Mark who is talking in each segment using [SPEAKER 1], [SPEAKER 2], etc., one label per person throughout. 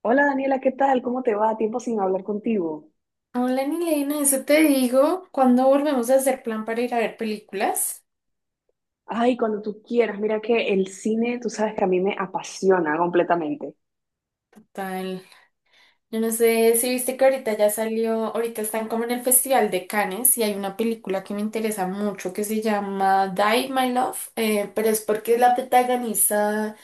[SPEAKER 1] Hola Daniela, ¿qué tal? ¿Cómo te va? Tiempo sin hablar contigo.
[SPEAKER 2] Hola, Nilena, eso te digo. ¿Cuándo volvemos a hacer plan para ir a ver películas?
[SPEAKER 1] Ay, cuando tú quieras, mira que el cine, tú sabes que a mí me apasiona completamente.
[SPEAKER 2] Tal. Yo no sé si viste que ahorita ya salió, ahorita están como en el Festival de Cannes y hay una película que me interesa mucho que se llama Die, My Love, pero es porque la protagoniza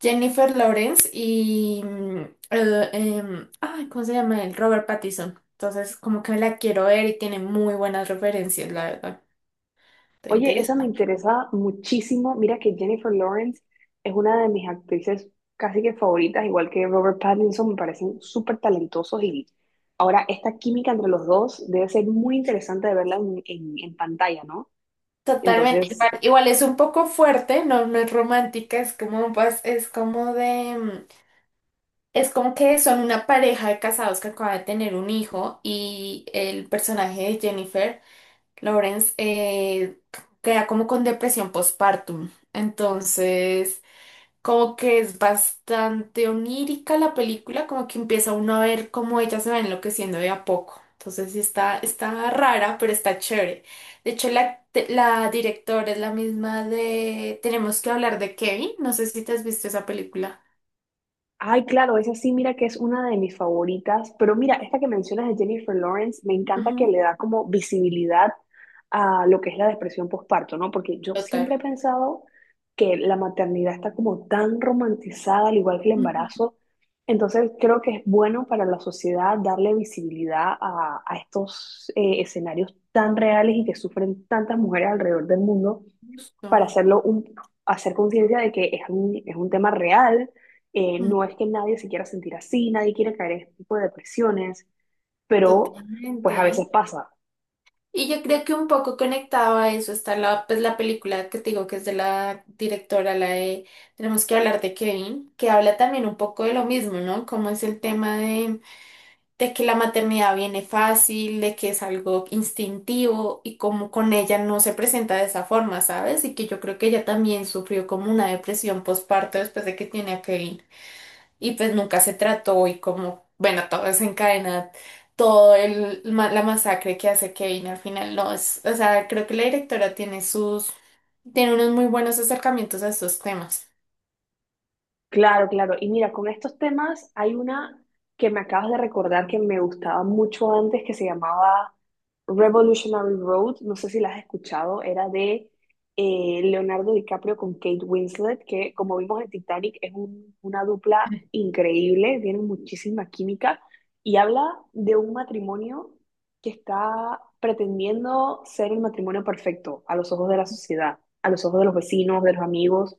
[SPEAKER 2] Jennifer Lawrence y ay, ¿cómo se llama él? Robert Pattinson. Entonces, como que me la quiero ver y tiene muy buenas referencias, la verdad. ¿Te
[SPEAKER 1] Oye, esa me
[SPEAKER 2] interesa?
[SPEAKER 1] interesa muchísimo. Mira que Jennifer Lawrence es una de mis actrices casi que favoritas, igual que Robert Pattinson, me parecen súper talentosos y ahora esta química entre los dos debe ser muy interesante de verla en, en pantalla, ¿no?
[SPEAKER 2] Totalmente, igual,
[SPEAKER 1] Entonces,
[SPEAKER 2] igual es un poco fuerte, no, no es romántica, es como, pues, es como es como que son una pareja de casados que acaba de tener un hijo y el personaje de Jennifer Lawrence queda como con depresión postpartum, entonces como que es bastante onírica la película, como que empieza uno a ver cómo ella se va enloqueciendo de a poco. Entonces sí está, está rara, pero está chévere. De hecho, la directora es la misma de Tenemos que hablar de Kevin. No sé si te has visto esa película.
[SPEAKER 1] ay, claro, esa sí, mira que es una de mis favoritas, pero mira, esta que mencionas de Jennifer Lawrence, me encanta que
[SPEAKER 2] Ujú.
[SPEAKER 1] le da como visibilidad a lo que es la depresión postparto, ¿no? Porque yo
[SPEAKER 2] Total.
[SPEAKER 1] siempre he pensado que la maternidad está como tan romantizada, al igual que el
[SPEAKER 2] Ujú.
[SPEAKER 1] embarazo, entonces creo que es bueno para la sociedad darle visibilidad a estos escenarios tan reales y que sufren tantas mujeres alrededor del mundo para
[SPEAKER 2] Justo.
[SPEAKER 1] hacerlo un, hacer conciencia de que es un tema real, no
[SPEAKER 2] Mm.
[SPEAKER 1] es que nadie se quiera sentir así, nadie quiere caer en este tipo de depresiones, pero pues
[SPEAKER 2] Totalmente.
[SPEAKER 1] a veces pasa.
[SPEAKER 2] Y yo creo que un poco conectado a eso está la, pues, la película que te digo que es de la directora, la de Tenemos que hablar de Kevin, que habla también un poco de lo mismo, ¿no? Como es el tema de que la maternidad viene fácil, de que es algo instintivo y como con ella no se presenta de esa forma, ¿sabes? Y que yo creo que ella también sufrió como una depresión postparto después de que tiene a Kevin y pues nunca se trató y, como, bueno, todo desencadena, la masacre que hace Kevin al final, no, es, o sea, creo que la directora tiene sus, tiene unos muy buenos acercamientos a estos temas.
[SPEAKER 1] Claro, claro. Y mira, con estos temas hay una que me acabas de recordar que me gustaba mucho antes, que se llamaba Revolutionary Road. No sé si la has escuchado. Era de Leonardo DiCaprio con Kate Winslet, que como vimos en Titanic es una dupla increíble, tienen muchísima química y habla de un matrimonio que está pretendiendo ser el matrimonio perfecto a los ojos de la sociedad, a los ojos de los vecinos, de los amigos,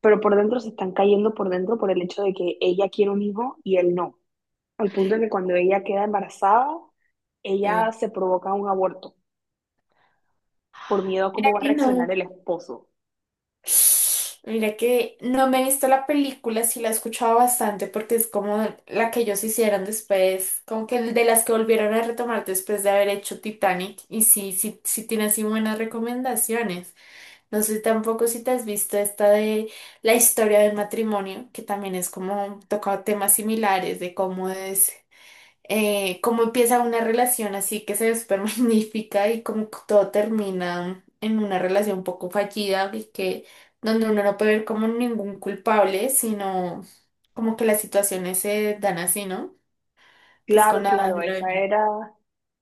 [SPEAKER 1] pero por dentro se están cayendo por dentro por el hecho de que ella quiere un hijo y él no. Al punto de que cuando ella queda embarazada, ella
[SPEAKER 2] Sí.
[SPEAKER 1] se provoca un aborto por miedo a cómo va a
[SPEAKER 2] Y
[SPEAKER 1] reaccionar
[SPEAKER 2] no.
[SPEAKER 1] el esposo.
[SPEAKER 2] Mira que no me he visto la película, sí la he escuchado bastante porque es como la que ellos hicieron después, como que de las que volvieron a retomar después de haber hecho Titanic y sí, sí, sí tiene así buenas recomendaciones. No sé tampoco si te has visto esta de la historia del matrimonio, que también es como toca temas similares de cómo es, cómo empieza una relación así que se ve súper magnífica y cómo todo termina en una relación un poco fallida y que donde uno no puede ver como ningún culpable, sino como que las situaciones se dan así, ¿no? Que es
[SPEAKER 1] Claro,
[SPEAKER 2] con Adam
[SPEAKER 1] claro, esa
[SPEAKER 2] Driver.
[SPEAKER 1] era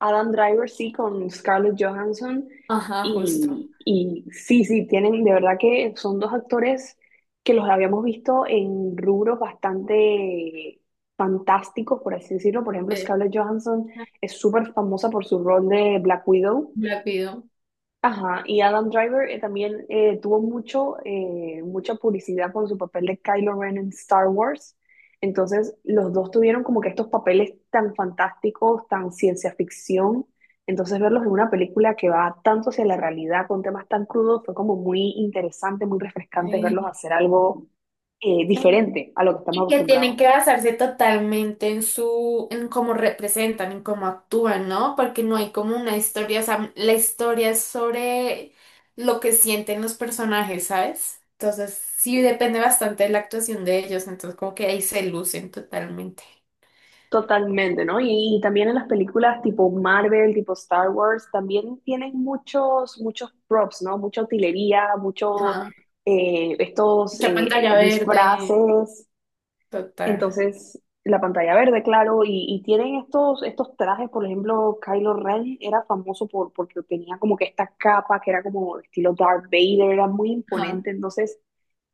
[SPEAKER 1] Adam Driver, sí, con Scarlett Johansson.
[SPEAKER 2] Ajá, justo.
[SPEAKER 1] Y sí, sí, tienen, de verdad que son dos actores que los habíamos visto en rubros bastante fantásticos, por así decirlo. Por ejemplo,
[SPEAKER 2] Eh,
[SPEAKER 1] Scarlett Johansson es súper famosa por su rol de Black Widow.
[SPEAKER 2] Black Widow.
[SPEAKER 1] Ajá, y Adam Driver también tuvo mucho, mucha publicidad por su papel de Kylo Ren en Star Wars. Entonces, los dos tuvieron como que estos papeles tan fantásticos, tan ciencia ficción. Entonces, verlos en una película que va tanto hacia la realidad, con temas tan crudos, fue como muy interesante, muy refrescante verlos
[SPEAKER 2] Sí.
[SPEAKER 1] hacer algo diferente a lo que estamos
[SPEAKER 2] Y que tienen
[SPEAKER 1] acostumbrados.
[SPEAKER 2] que basarse totalmente en su, en cómo representan, en cómo actúan, ¿no? Porque no hay como una historia, o sea, la historia es sobre lo que sienten los personajes, ¿sabes? Entonces, sí depende bastante de la actuación de ellos, entonces como que ahí se lucen totalmente.
[SPEAKER 1] Totalmente, ¿no? Y también en las películas tipo Marvel, tipo Star Wars, también tienen muchos props, ¿no? Mucha utilería, muchos
[SPEAKER 2] Ajá.
[SPEAKER 1] estos
[SPEAKER 2] Mucha pantalla verde,
[SPEAKER 1] disfraces.
[SPEAKER 2] total.
[SPEAKER 1] Entonces, la pantalla verde, claro, y tienen estos trajes, por ejemplo, Kylo Ren era famoso por, porque tenía como que esta capa que era como estilo Darth Vader, era muy
[SPEAKER 2] Ajá.
[SPEAKER 1] imponente. Entonces,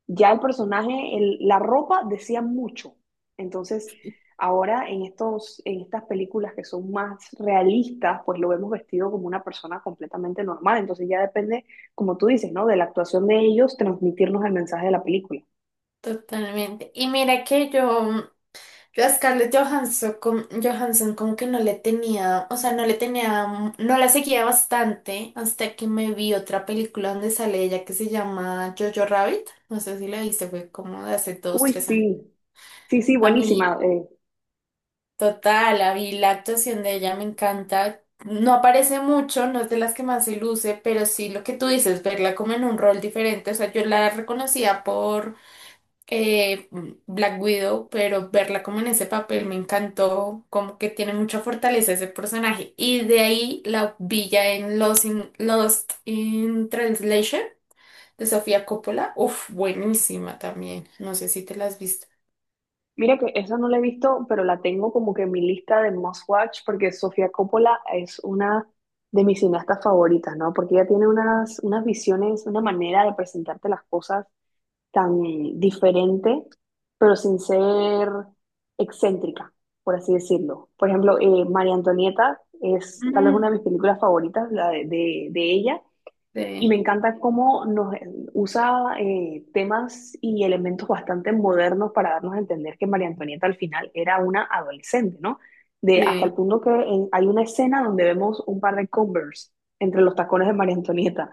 [SPEAKER 1] ya el personaje, la ropa decía mucho. Entonces, ahora en estos, en estas películas que son más realistas, pues lo vemos vestido como una persona completamente normal. Entonces ya depende, como tú dices, ¿no? De la actuación de ellos, transmitirnos el mensaje de la película.
[SPEAKER 2] Totalmente. Y mira que yo a Scarlett Johansson, Johansson como que no le tenía, o sea, no le tenía, no la seguía bastante hasta que me vi otra película donde sale ella que se llama Jojo Rabbit, no sé si la viste, fue como de hace dos,
[SPEAKER 1] Uy,
[SPEAKER 2] tres años.
[SPEAKER 1] sí, sí, sí,
[SPEAKER 2] A mí,
[SPEAKER 1] buenísima.
[SPEAKER 2] total, a mí la actuación de ella me encanta, no aparece mucho, no es de las que más se luce, pero sí lo que tú dices, verla como en un rol diferente, o sea, yo la reconocía por eh, Black Widow, pero verla como en ese papel me encantó, como que tiene mucha fortaleza ese personaje. Y de ahí la villa en Lost in Translation de Sofía Coppola, uf, buenísima también, no sé si te la has visto.
[SPEAKER 1] Mira que esa no la he visto, pero la tengo como que en mi lista de must watch, porque Sofía Coppola es una de mis cineastas favoritas, ¿no? Porque ella tiene unas, unas visiones, una manera de presentarte las cosas tan diferente, pero sin ser excéntrica, por así decirlo. Por ejemplo, María Antonieta es tal vez una
[SPEAKER 2] Mm,
[SPEAKER 1] de mis películas favoritas, la de, de ella, y
[SPEAKER 2] sí,
[SPEAKER 1] me encanta cómo nos usa temas y elementos bastante modernos para darnos a entender que María Antonieta al final era una adolescente, ¿no? De, hasta el
[SPEAKER 2] sí.
[SPEAKER 1] punto que hay una escena donde vemos un par de Converse entre los tacones de María Antonieta.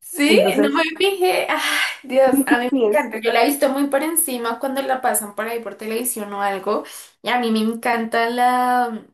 [SPEAKER 2] Sí, no
[SPEAKER 1] Entonces,
[SPEAKER 2] me fijé, ay, Dios,
[SPEAKER 1] sí, sí,
[SPEAKER 2] a mí me
[SPEAKER 1] sí, es
[SPEAKER 2] encanta, yo la he visto muy por encima cuando la pasan por ahí por televisión o algo, y a mí me encanta la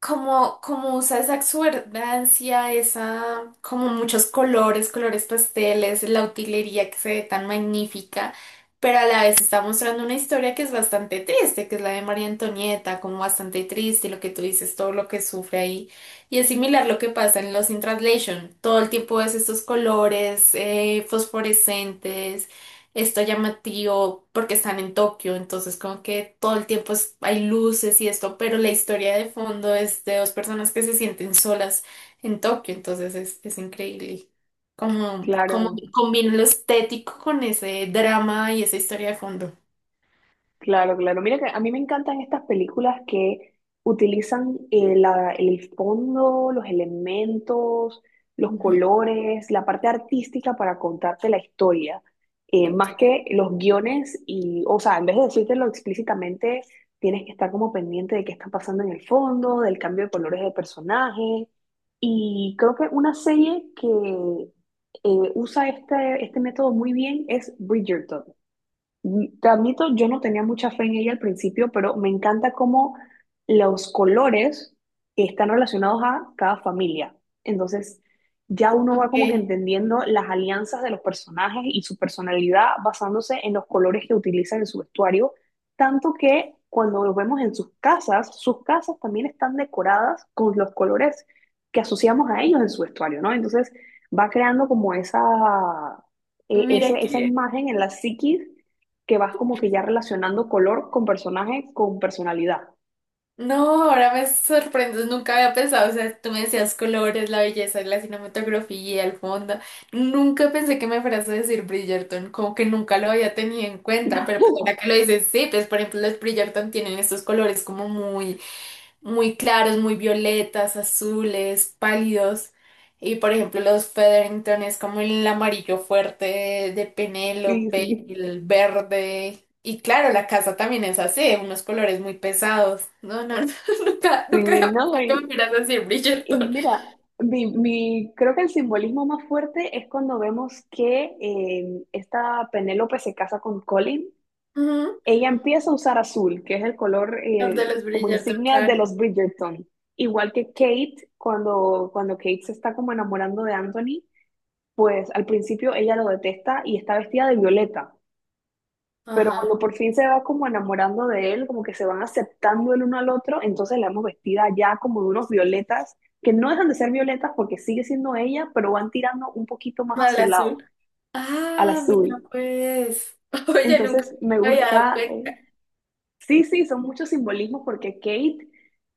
[SPEAKER 2] como, como usa esa exuberdancia, esa, como muchos colores, colores pasteles, la utilería que se ve tan magnífica, pero a la vez está mostrando una historia que es bastante triste, que es la de María Antonieta, como bastante triste, y lo que tú dices, todo lo que sufre ahí. Y es similar lo que pasa en Los in Translation, todo el tiempo ves estos colores fosforescentes, está llamativo porque están en Tokio, entonces como que todo el tiempo hay luces y esto, pero la historia de fondo es de dos personas que se sienten solas en Tokio, entonces es increíble. Como, como
[SPEAKER 1] claro.
[SPEAKER 2] combina lo estético con ese drama y esa historia de fondo.
[SPEAKER 1] Claro, claro. Mira que a mí me encantan estas películas que utilizan el fondo, los elementos, los
[SPEAKER 2] Ujú.
[SPEAKER 1] colores, la parte artística para contarte la historia. Más que los guiones y, o sea, en vez de decírtelo explícitamente, tienes que estar como pendiente de qué está pasando en el fondo, del cambio de colores de personaje. Y creo que una serie que usa este método muy bien es Bridgerton. Mm, te admito, yo no tenía mucha fe en ella al principio, pero me encanta cómo los colores están relacionados a cada familia. Entonces, ya uno va como que
[SPEAKER 2] Ok,
[SPEAKER 1] entendiendo las alianzas de los personajes y su personalidad basándose en los colores que utilizan en su vestuario, tanto que cuando los vemos en sus casas también están decoradas con los colores que asociamos a ellos en su vestuario, ¿no? Entonces, va creando como esa,
[SPEAKER 2] mira
[SPEAKER 1] esa
[SPEAKER 2] que
[SPEAKER 1] imagen en la psiquis que vas como que ya relacionando color con personaje, con personalidad.
[SPEAKER 2] no, ahora me sorprendes, nunca había pensado, o sea, tú me decías colores, la belleza, la cinematografía, el fondo, nunca pensé que me fueras a decir Bridgerton, como que nunca lo había tenido en cuenta, pero pues ahora que lo dices, sí, pues por ejemplo los Bridgerton tienen estos colores como muy claros, muy violetas, azules, pálidos. Y por ejemplo, los Featherington es como el amarillo fuerte de
[SPEAKER 1] Sí,
[SPEAKER 2] Penélope,
[SPEAKER 1] sí,
[SPEAKER 2] el verde. Y claro, la casa también es así, unos colores muy pesados. No, no, no, nunca, nunca
[SPEAKER 1] sí,
[SPEAKER 2] había
[SPEAKER 1] no,
[SPEAKER 2] pensado que me miras así,
[SPEAKER 1] y
[SPEAKER 2] Bridgerton.
[SPEAKER 1] mira, creo que el simbolismo más fuerte es cuando vemos que esta Penélope se casa con Colin.
[SPEAKER 2] Ujú,
[SPEAKER 1] Ella empieza a usar azul, que es el color
[SPEAKER 2] el De los
[SPEAKER 1] como
[SPEAKER 2] Bridgerton,
[SPEAKER 1] insignia de
[SPEAKER 2] claro.
[SPEAKER 1] los Bridgerton. Igual que Kate, cuando Kate se está como enamorando de Anthony, pues al principio ella lo detesta y está vestida de violeta. Pero cuando
[SPEAKER 2] Ajá.
[SPEAKER 1] por fin se va como enamorando de él, como que se van aceptando el uno al otro, entonces la vemos vestida ya como de unos violetas, que no dejan de ser violetas porque sigue siendo ella, pero van tirando un poquito más a
[SPEAKER 2] Mal
[SPEAKER 1] su
[SPEAKER 2] azul.
[SPEAKER 1] lado, al
[SPEAKER 2] Ah, mira
[SPEAKER 1] azul.
[SPEAKER 2] pues. Oye, nunca
[SPEAKER 1] Entonces me
[SPEAKER 2] me había dado
[SPEAKER 1] gusta,
[SPEAKER 2] cuenta.
[SPEAKER 1] sí, sí, son muchos simbolismos porque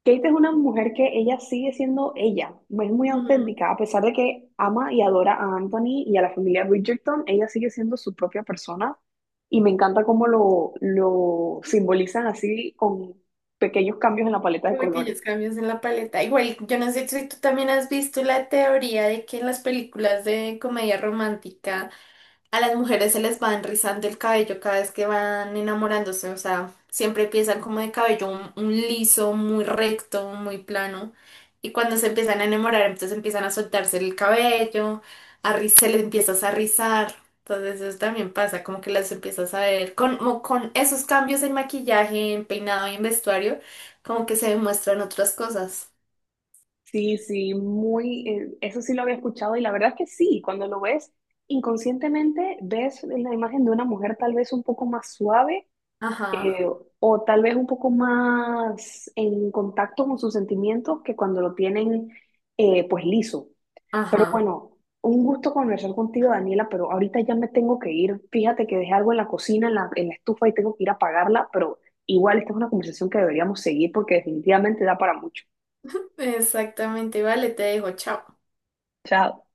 [SPEAKER 1] Kate es una mujer que ella sigue siendo ella, no es muy
[SPEAKER 2] Ujú.
[SPEAKER 1] auténtica, a pesar de que ama y adora a Anthony y a la familia Bridgerton, ella sigue siendo su propia persona y me encanta cómo lo simbolizan así con pequeños cambios en la paleta de colores.
[SPEAKER 2] Pequeños cambios en la paleta. Igual, yo no sé si tú también has visto la teoría de que en las películas de comedia romántica. A las mujeres se les va enrizando el cabello cada vez que van enamorándose, o sea, siempre empiezan como de cabello un liso, muy recto, muy plano, y cuando se empiezan a enamorar, entonces empiezan a soltarse el cabello, se les empiezas a rizar, entonces eso también pasa, como que las empiezas a ver, con, como con esos cambios en maquillaje, en peinado y en vestuario, como que se demuestran otras cosas.
[SPEAKER 1] Sí, sí, muy, eso sí lo había escuchado y la verdad es que sí, cuando lo ves inconscientemente ves la imagen de una mujer tal vez un poco más suave
[SPEAKER 2] Ajá,
[SPEAKER 1] eh, o tal vez un poco más en contacto con sus sentimientos que cuando lo tienen pues liso. Pero
[SPEAKER 2] ajá,
[SPEAKER 1] bueno, un gusto conversar contigo, Daniela, pero ahorita ya me tengo que ir. Fíjate que dejé algo en la cocina, en en la estufa y tengo que ir a apagarla, pero igual esta es una conversación que deberíamos seguir porque definitivamente da para mucho.
[SPEAKER 2] exactamente, vale, te dejo, chao.
[SPEAKER 1] Chao.